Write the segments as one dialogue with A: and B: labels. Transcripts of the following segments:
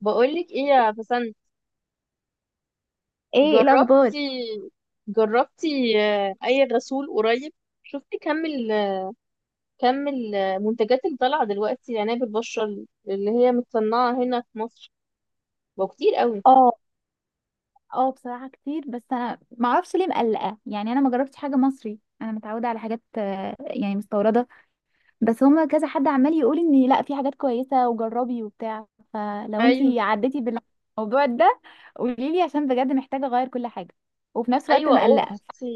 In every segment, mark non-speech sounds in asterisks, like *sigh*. A: بقولك ايه يا بسنت؟
B: ايه الاخبار؟
A: جربتي جربتي؟ اي غسول قريب؟ شفتي كم المنتجات اللي طالعه دلوقتي لعناية البشرة، اللي هي متصنعه هنا في مصر؟ بقى كتير قوي.
B: اه اه بصراحة كتير، بس انا ما اعرفش ليه مقلقة. يعني انا ما جربتش حاجة مصري، انا متعودة على حاجات يعني مستوردة. بس هما كذا حد عمال يقول ان لا في حاجات كويسة وجربي وبتاع. فلو
A: ايوه.
B: انتي عديتي بالموضوع ده قوليلي، عشان بجد محتاجة اغير كل حاجة، وفي نفس الوقت
A: ايوه،
B: مقلقة.
A: اختي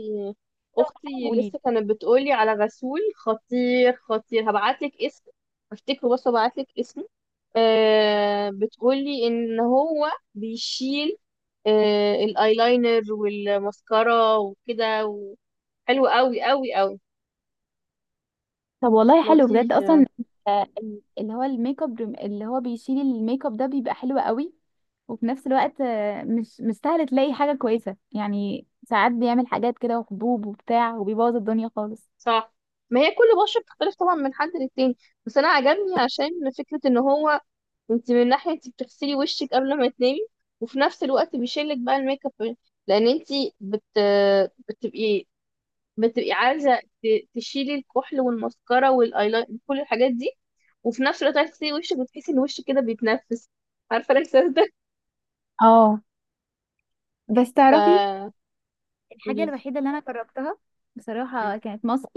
A: اختي
B: قوليلي.
A: لسه كانت بتقولي على غسول خطير خطير، هبعتلك اسم. افتكره، بس هبعتلك اسم. بتقولي ان هو بيشيل، الايلاينر والماسكارا وكده حلو قوي قوي قوي،
B: طب والله حلو بجد
A: لطيف يعني.
B: اصلا. اللي هو الميك اب اللي هو بيشيل الميك اب ده بيبقى حلو قوي. وفي نفس الوقت مش سهل تلاقي حاجة كويسة، يعني ساعات بيعمل حاجات كده وحبوب وبتاع وبيبوظ الدنيا خالص.
A: صح، ما هي كل بشرة بتختلف طبعا من حد للتاني، بس انا عجبني عشان فكرة ان هو، انت من ناحية انت بتغسلي وشك قبل ما تنامي، وفي نفس الوقت بيشيلك بقى الميك اب، لان انت بت... بتبقي بتبقي عايزة تشيلي الكحل والمسكرة والايلاين، كل الحاجات دي، وفي نفس الوقت عايزة تغسلي وشك وتحسي ان وشك كده بيتنفس. عارفة الاحساس ده؟
B: اه، بس تعرفي
A: ف
B: الحاجة
A: قوليلي.
B: الوحيدة اللي أنا جربتها بصراحة
A: مم.
B: كانت ماسك.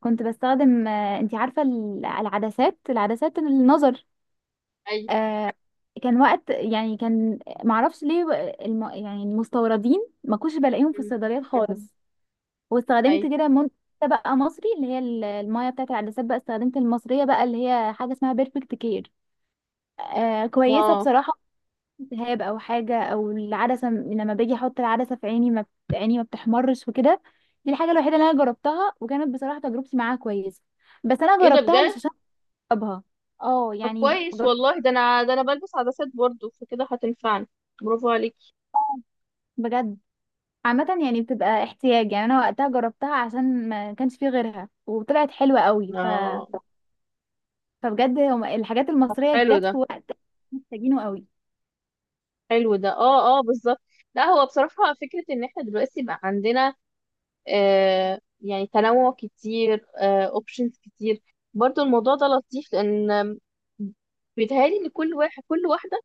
B: كنت بستخدم، انتي عارفة العدسات، العدسات النظر،
A: اي.
B: آه، كان وقت يعني كان معرفش ليه يعني المستوردين ما كنتش بلاقيهم في
A: مم.
B: الصيدليات خالص. واستخدمت
A: اي.
B: كده منتج بقى مصري، اللي هي المايه بتاعت العدسات، بقى استخدمت المصريه بقى اللي هي حاجه اسمها بيرفكت كير. آه كويسه
A: اه.
B: بصراحه، التهاب او حاجه او العدسه لما باجي احط العدسه في عيني ما عيني ما بتحمرش وكده. دي الحاجه الوحيده اللي انا جربتها وكانت بصراحه تجربتي معاها كويسه. بس انا
A: ايه ده
B: جربتها مش
A: بجد؟
B: عشان اجربها، اه
A: طب
B: يعني
A: كويس والله، ده انا، بلبس عدسات برضو، فكده هتنفعني. برافو عليكي.
B: بجد، عامة يعني بتبقى احتياج. يعني انا وقتها جربتها عشان ما كانش فيه غيرها وطلعت حلوة قوي. ف
A: اه.
B: فبجد هما الحاجات
A: طب
B: المصرية
A: حلو
B: جت
A: ده.
B: في وقت محتاجينه قوي.
A: حلو ده، اه اه، بالظبط. لا، هو بصراحة فكرة ان احنا دلوقتي بقى عندنا، يعني تنوع كتير، اوبشنز كتير، برضو الموضوع ده لطيف، لان بيتهيألي ان كل واحد، كل واحدة،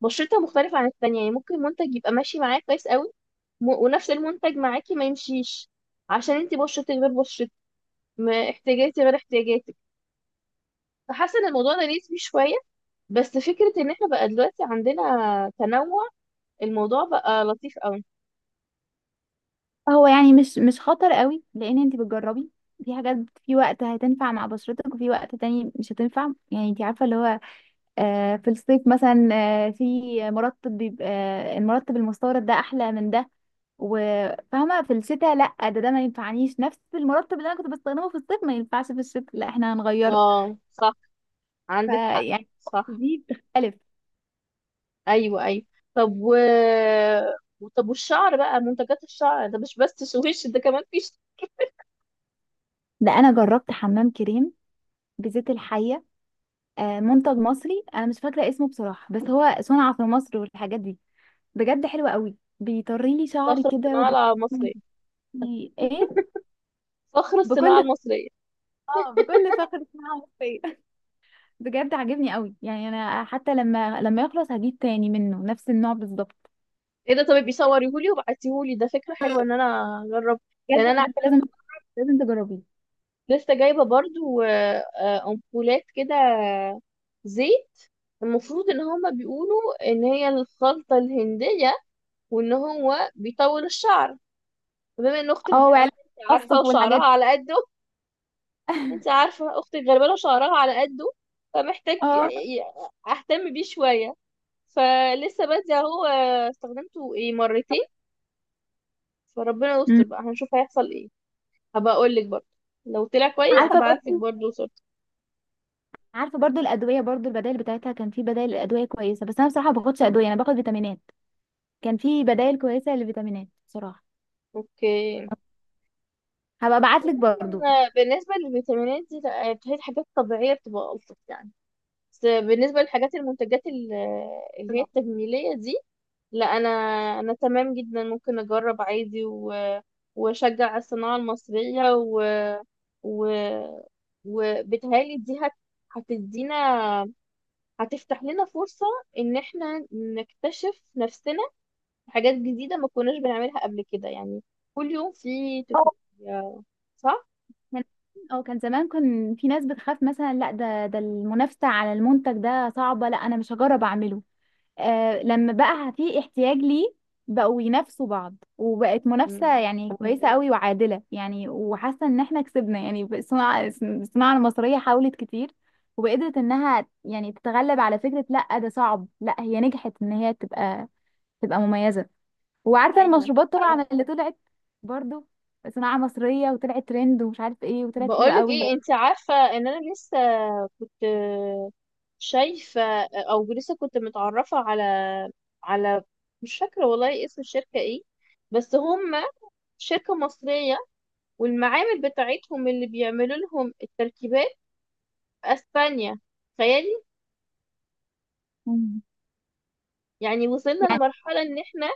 A: بشرتها مختلفة عن التانية، يعني ممكن منتج يبقى ماشي معاك كويس قوي، ونفس المنتج معاكي ما يمشيش، عشان انتي بشرتك غير بشرتي، احتياجاتي غير احتياجاتك، فحاسة ان الموضوع ده نسبي شوية. بس فكرة ان احنا بقى دلوقتي عندنا تنوع، الموضوع بقى لطيف قوي.
B: هو يعني مش خطر قوي، لان انت بتجربي في حاجات، في وقت هتنفع مع بشرتك وفي وقت تاني مش هتنفع. يعني انت عارفة اللي هو في الصيف مثلا في مرطب بيبقى، المرطب المستورد ده احلى من ده. وفاهمة في الشتاء لا، ده ما ينفعنيش، نفس المرطب اللي انا كنت بستخدمه في الصيف ما ينفعش في الشتاء، لا احنا هنغيره.
A: اه صح، عندك حق.
B: فيعني
A: صح.
B: دي بتختلف.
A: ايوه ايوه. طب و *laughs* طب والشعر بقى، منتجات الشعر ده مش بس سويش، ده كمان في.
B: ده انا جربت حمام كريم بزيت الحية، منتج مصري انا مش فاكره اسمه بصراحه، بس هو صنع في مصر والحاجات دي. بجد حلوه قوي، بيطري لي شعري
A: صخرة
B: كده وب...
A: الصناعة المصرية.
B: ايه،
A: صخرة الصناعة
B: بكل،
A: المصرية.
B: اه بكل فخر صناعه مصريه *laughs* بجد عاجبني قوي، يعني انا حتى لما يخلص هجيب تاني منه نفس النوع بالظبط.
A: ايه ده؟ طب بيصوريهولي وبعتيهولي ده، فكرة حلوة ان انا اجرب،
B: بجد
A: لان انا
B: بجد لازم، لازم تجربيه.
A: لسه جايبة برضو امبولات كده، زيت. المفروض ان هما بيقولوا ان هي الخلطة الهندية، وان هو بيطول الشعر. بما ان اختك
B: اه، وعلب
A: غالبا، عارفة
B: القصف والحاجات
A: وشعرها
B: دي.
A: على قد، انت عارفة اختي الغلبانة شعرها على قده، فمحتاج
B: اه،
A: اهتم بيه شوية، فلسه بادئة اهو، استخدمته ايه مرتين، فربنا يستر
B: أمم.
A: بقى، هنشوف هيحصل ايه. هبقى اقول لك برضه، لو طلع كويس
B: عارفه
A: هبعت لك
B: برضو
A: برضه صورته.
B: عارفه برضو الادويه، برضو البدائل بتاعتها، كان في بدائل الادويه كويسه. بس انا بصراحه ما باخدش ادويه، انا باخد فيتامينات. كان في بدائل كويسه للفيتامينات بصراحه.
A: اوكي.
B: هبقى ابعتلك برضو.
A: انا بالنسبة للفيتامينات دي لا، هي الحاجات الطبيعية بتبقى ألطف يعني، بس بالنسبة للحاجات، المنتجات اللي هي التجميلية دي، لا انا، انا تمام جدا، ممكن اجرب عادي واشجع على الصناعه المصريه و... وبتهيألي دي هتدينا، هتفتح لنا فرصه ان احنا نكتشف نفسنا، حاجات جديده ما كناش بنعملها قبل كده يعني. كل يوم في
B: اه
A: تكنولوجيا، صح؟
B: كان- اه كان زمان كان في ناس بتخاف مثلا، لا ده المنافسة على المنتج ده صعبة، لا انا مش هجرب اعمله. آه لما بقى في احتياج ليه بقوا ينافسوا بعض، وبقت منافسة
A: مم.
B: يعني كويسة قوي وعادلة. يعني وحاسة ان احنا كسبنا، يعني الصناعة المصرية حاولت كتير، وقدرت انها يعني تتغلب على فكرة لا ده صعب، لا هي نجحت ان هي تبقى مميزة. وعارفه
A: ايوه.
B: المشروبات طبعا اللي طلعت، برضو صناعه مصريه وطلعت ترند ومش عارف ايه، وطلعت حلوه
A: بقولك
B: قوي.
A: ايه، انت عارفة ان انا لسه كنت شايفة، او لسه كنت متعرفة على، على، مش فاكرة والله اسم الشركة ايه، بس هم شركة مصرية، والمعامل بتاعتهم اللي بيعملوا لهم التركيبات في اسبانيا، تخيلي.
B: مم.
A: يعني وصلنا
B: يعني
A: لمرحلة ان احنا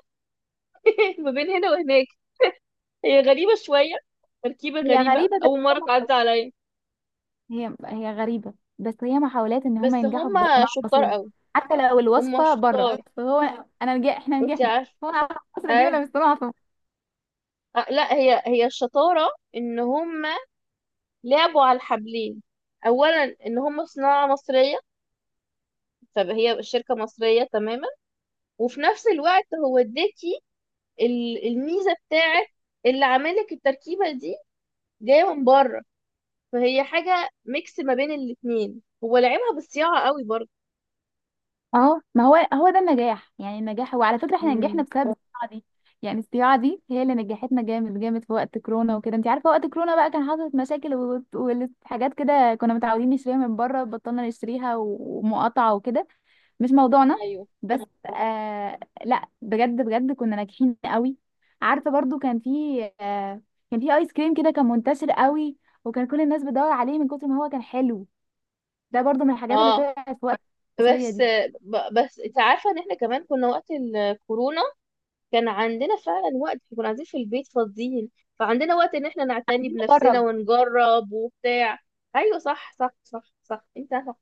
A: *laughs* ما بين هنا وهناك. هي غريبة شوية، تركيبة
B: هي
A: غريبة،
B: غريبه بس
A: اول
B: هي
A: مرة تعدي
B: محاولات
A: عليا.
B: هي غريبه بس هي محاولات ان هم
A: بس هم
B: ينجحوا بالصناعه
A: شطار
B: المصريه.
A: قوي.
B: حتى لو
A: هم
B: الوصفه بره،
A: شطار.
B: فهو انا احنا
A: انت
B: نجحنا.
A: عارفة؟
B: هو على مصر دي، ولا
A: اه،
B: مش صناعه؟
A: لا هي، هي الشطارة ان هم لعبوا على الحبلين، اولا ان هم صناعة مصرية، فهي شركة مصرية تماما، وفي نفس الوقت هو اداكي الميزة بتاعت، اللي عاملك التركيبة دي جاية من بره، فهي حاجة ميكس ما بين الاتنين، هو لعبها بالصياعة قوي برضه.
B: اهو، ما هو هو ده النجاح. يعني النجاح هو على فكره احنا نجحنا
A: مم.
B: بسبب الصياعه دي، يعني الصياعه دي هي اللي نجحتنا جامد جامد في وقت كورونا وكده. انت عارفه وقت كورونا بقى كان حصلت مشاكل وحاجات كده، كنا متعودين نشتريها من بره، بطلنا نشتريها ومقاطعه وكده، مش موضوعنا.
A: ايوه.
B: بس آه، لا بجد بجد كنا ناجحين قوي. عارفه برضو كان في آه، كان في ايس كريم كده كان منتشر قوي، وكان كل الناس بتدور عليه من كتر ما هو كان حلو. ده برضو من الحاجات اللي
A: اه.
B: طلعت في وقت الحصريه
A: بس
B: دي.
A: بس انت عارفة ان احنا كمان كنا وقت الكورونا، كان عندنا فعلا وقت، كنا قاعدين في البيت فاضيين، فعندنا وقت ان احنا نعتني بنفسنا
B: جرب.
A: ونجرب وبتاع. ايوه صح صح صح صح، انت صح.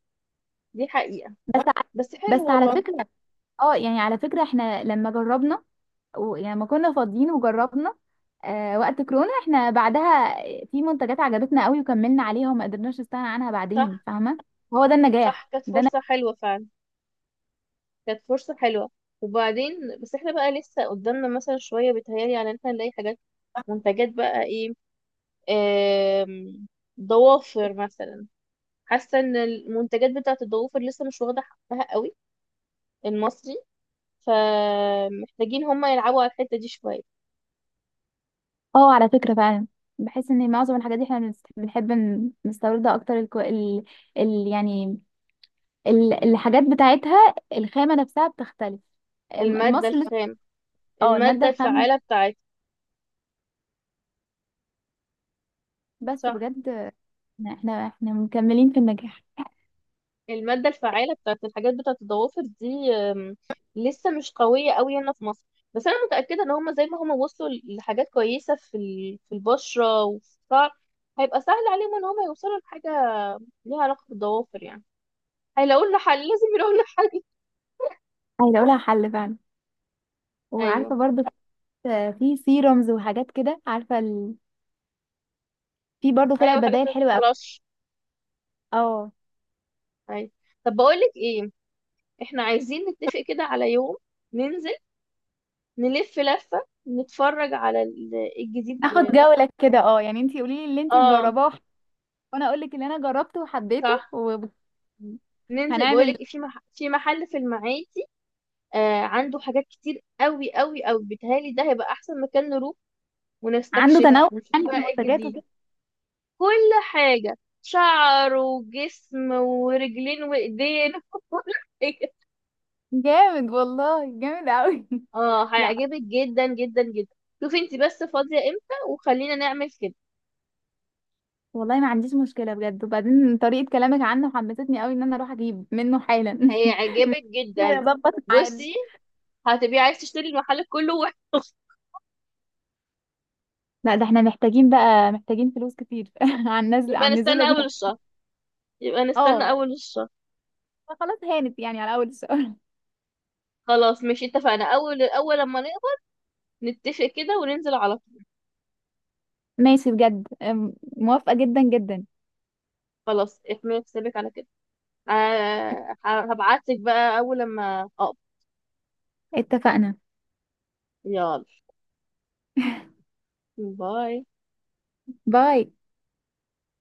A: دي حقيقة.
B: بس ع-
A: بس
B: بس
A: حلو
B: على
A: والله.
B: فكرة، اه يعني على فكرة احنا لما جربنا، يعني لما كنا فاضيين وجربنا آه وقت كورونا، احنا بعدها في منتجات عجبتنا قوي وكملنا عليها وما قدرناش نستغنى عنها
A: صح.
B: بعدين، فاهمة؟ هو ده
A: صح،
B: النجاح
A: كانت
B: ده أنا...
A: فرصة حلوة فعلا، كانت فرصة حلوة. وبعدين، بس احنا بقى لسه قدامنا مثلا شوية، بيتهيألي على ان احنا نلاقي حاجات، منتجات بقى ايه، آم، ضوافر مثلا. حاسة ان المنتجات بتاعت الضوافر لسه مش واخدة حقها قوي، المصري، فمحتاجين هما يلعبوا على الحتة دي شوية.
B: اه على فكرة فعلا، بحس ان معظم الحاجات دي احنا نستوردها اكتر. الكو... ال... ال... يعني ال... الحاجات بتاعتها الخامة نفسها بتختلف.
A: المادة
B: مصر لسه،
A: الخام،
B: اه المادة
A: المادة
B: الخام.
A: الفعالة بتاعتها.
B: بس
A: صح.
B: بجد احنا مكملين في النجاح.
A: المادة الفعالة بتاعت الحاجات بتاعت الضوافر دي أم، لسه مش قوية قوي هنا في مصر، بس أنا متأكدة إن هما زي ما هما وصلوا لحاجات كويسة في في البشرة وفي الشعر، هيبقى سهل عليهم إن هما يوصلوا لحاجة ليها علاقة بالضوافر يعني. هيلاقوا لنا حل، لازم يلاقوا لنا حل.
B: عايزه اقولها حل فعلا.
A: أيوه.
B: وعارفه برضو كنت في سيرومز وحاجات كده، عارفه ال... في برضو طلع
A: أيوه الحاجات
B: بدائل
A: ما
B: حلوه قوي.
A: بتطلعش.
B: اه،
A: أيوه. طب بقول لك إيه، إحنا عايزين نتفق كده على يوم، ننزل، نلف لفة، نتفرج على الجديد.
B: ناخد جوله كده. اه يعني انتي قولي لي اللي انتي
A: اه
B: مجرباه وانا اقول لك اللي انا جربته وحبيته،
A: صح.
B: وهنعمل.
A: ننزل بقولك في في محل في المعادي، آه عنده حاجات كتير قوي قوي قوي، بيتهيألي ده هيبقى احسن مكان نروح
B: عنده
A: ونستكشفه،
B: تنوع
A: ونشوف
B: يعني في
A: بقى ايه
B: المنتجات
A: الجديد.
B: وكده.
A: كل حاجة، شعر وجسم ورجلين وايدين، *laughs* وكل حاجة.
B: جامد والله جامد قوي *laughs*
A: اه
B: لا
A: هيعجبك جدا جدا جدا. شوفي انت بس فاضية امتى، وخلينا نعمل كده.
B: والله ما عنديش مشكله بجد، وبعدين طريقه كلامك عنه حمستني قوي ان انا اروح اجيب منه حالا *laughs*
A: هيعجبك جدا.
B: هظبط ميعاد.
A: بصي، هتبقي عايز تشتري المحل كله واحد. *laughs*
B: لا ده احنا محتاجين بقى، محتاجين فلوس كتير *laughs* عن نزل
A: يبقى
B: عن النزوله
A: نستنى
B: دي.
A: اول الشهر، يبقى نستنى
B: اه،
A: اول الشهر.
B: فخلاص هانت يعني على اول السؤال.
A: خلاص ماشي، اتفقنا، اول، اول لما نقبض نتفق كده وننزل على طول.
B: ماشي بجد، موافقة جدا جدا.
A: خلاص احمل حسابك على كده، آه هبعتلك بقى اول لما اقبض.
B: اتفقنا.
A: يلا، باي.
B: باي.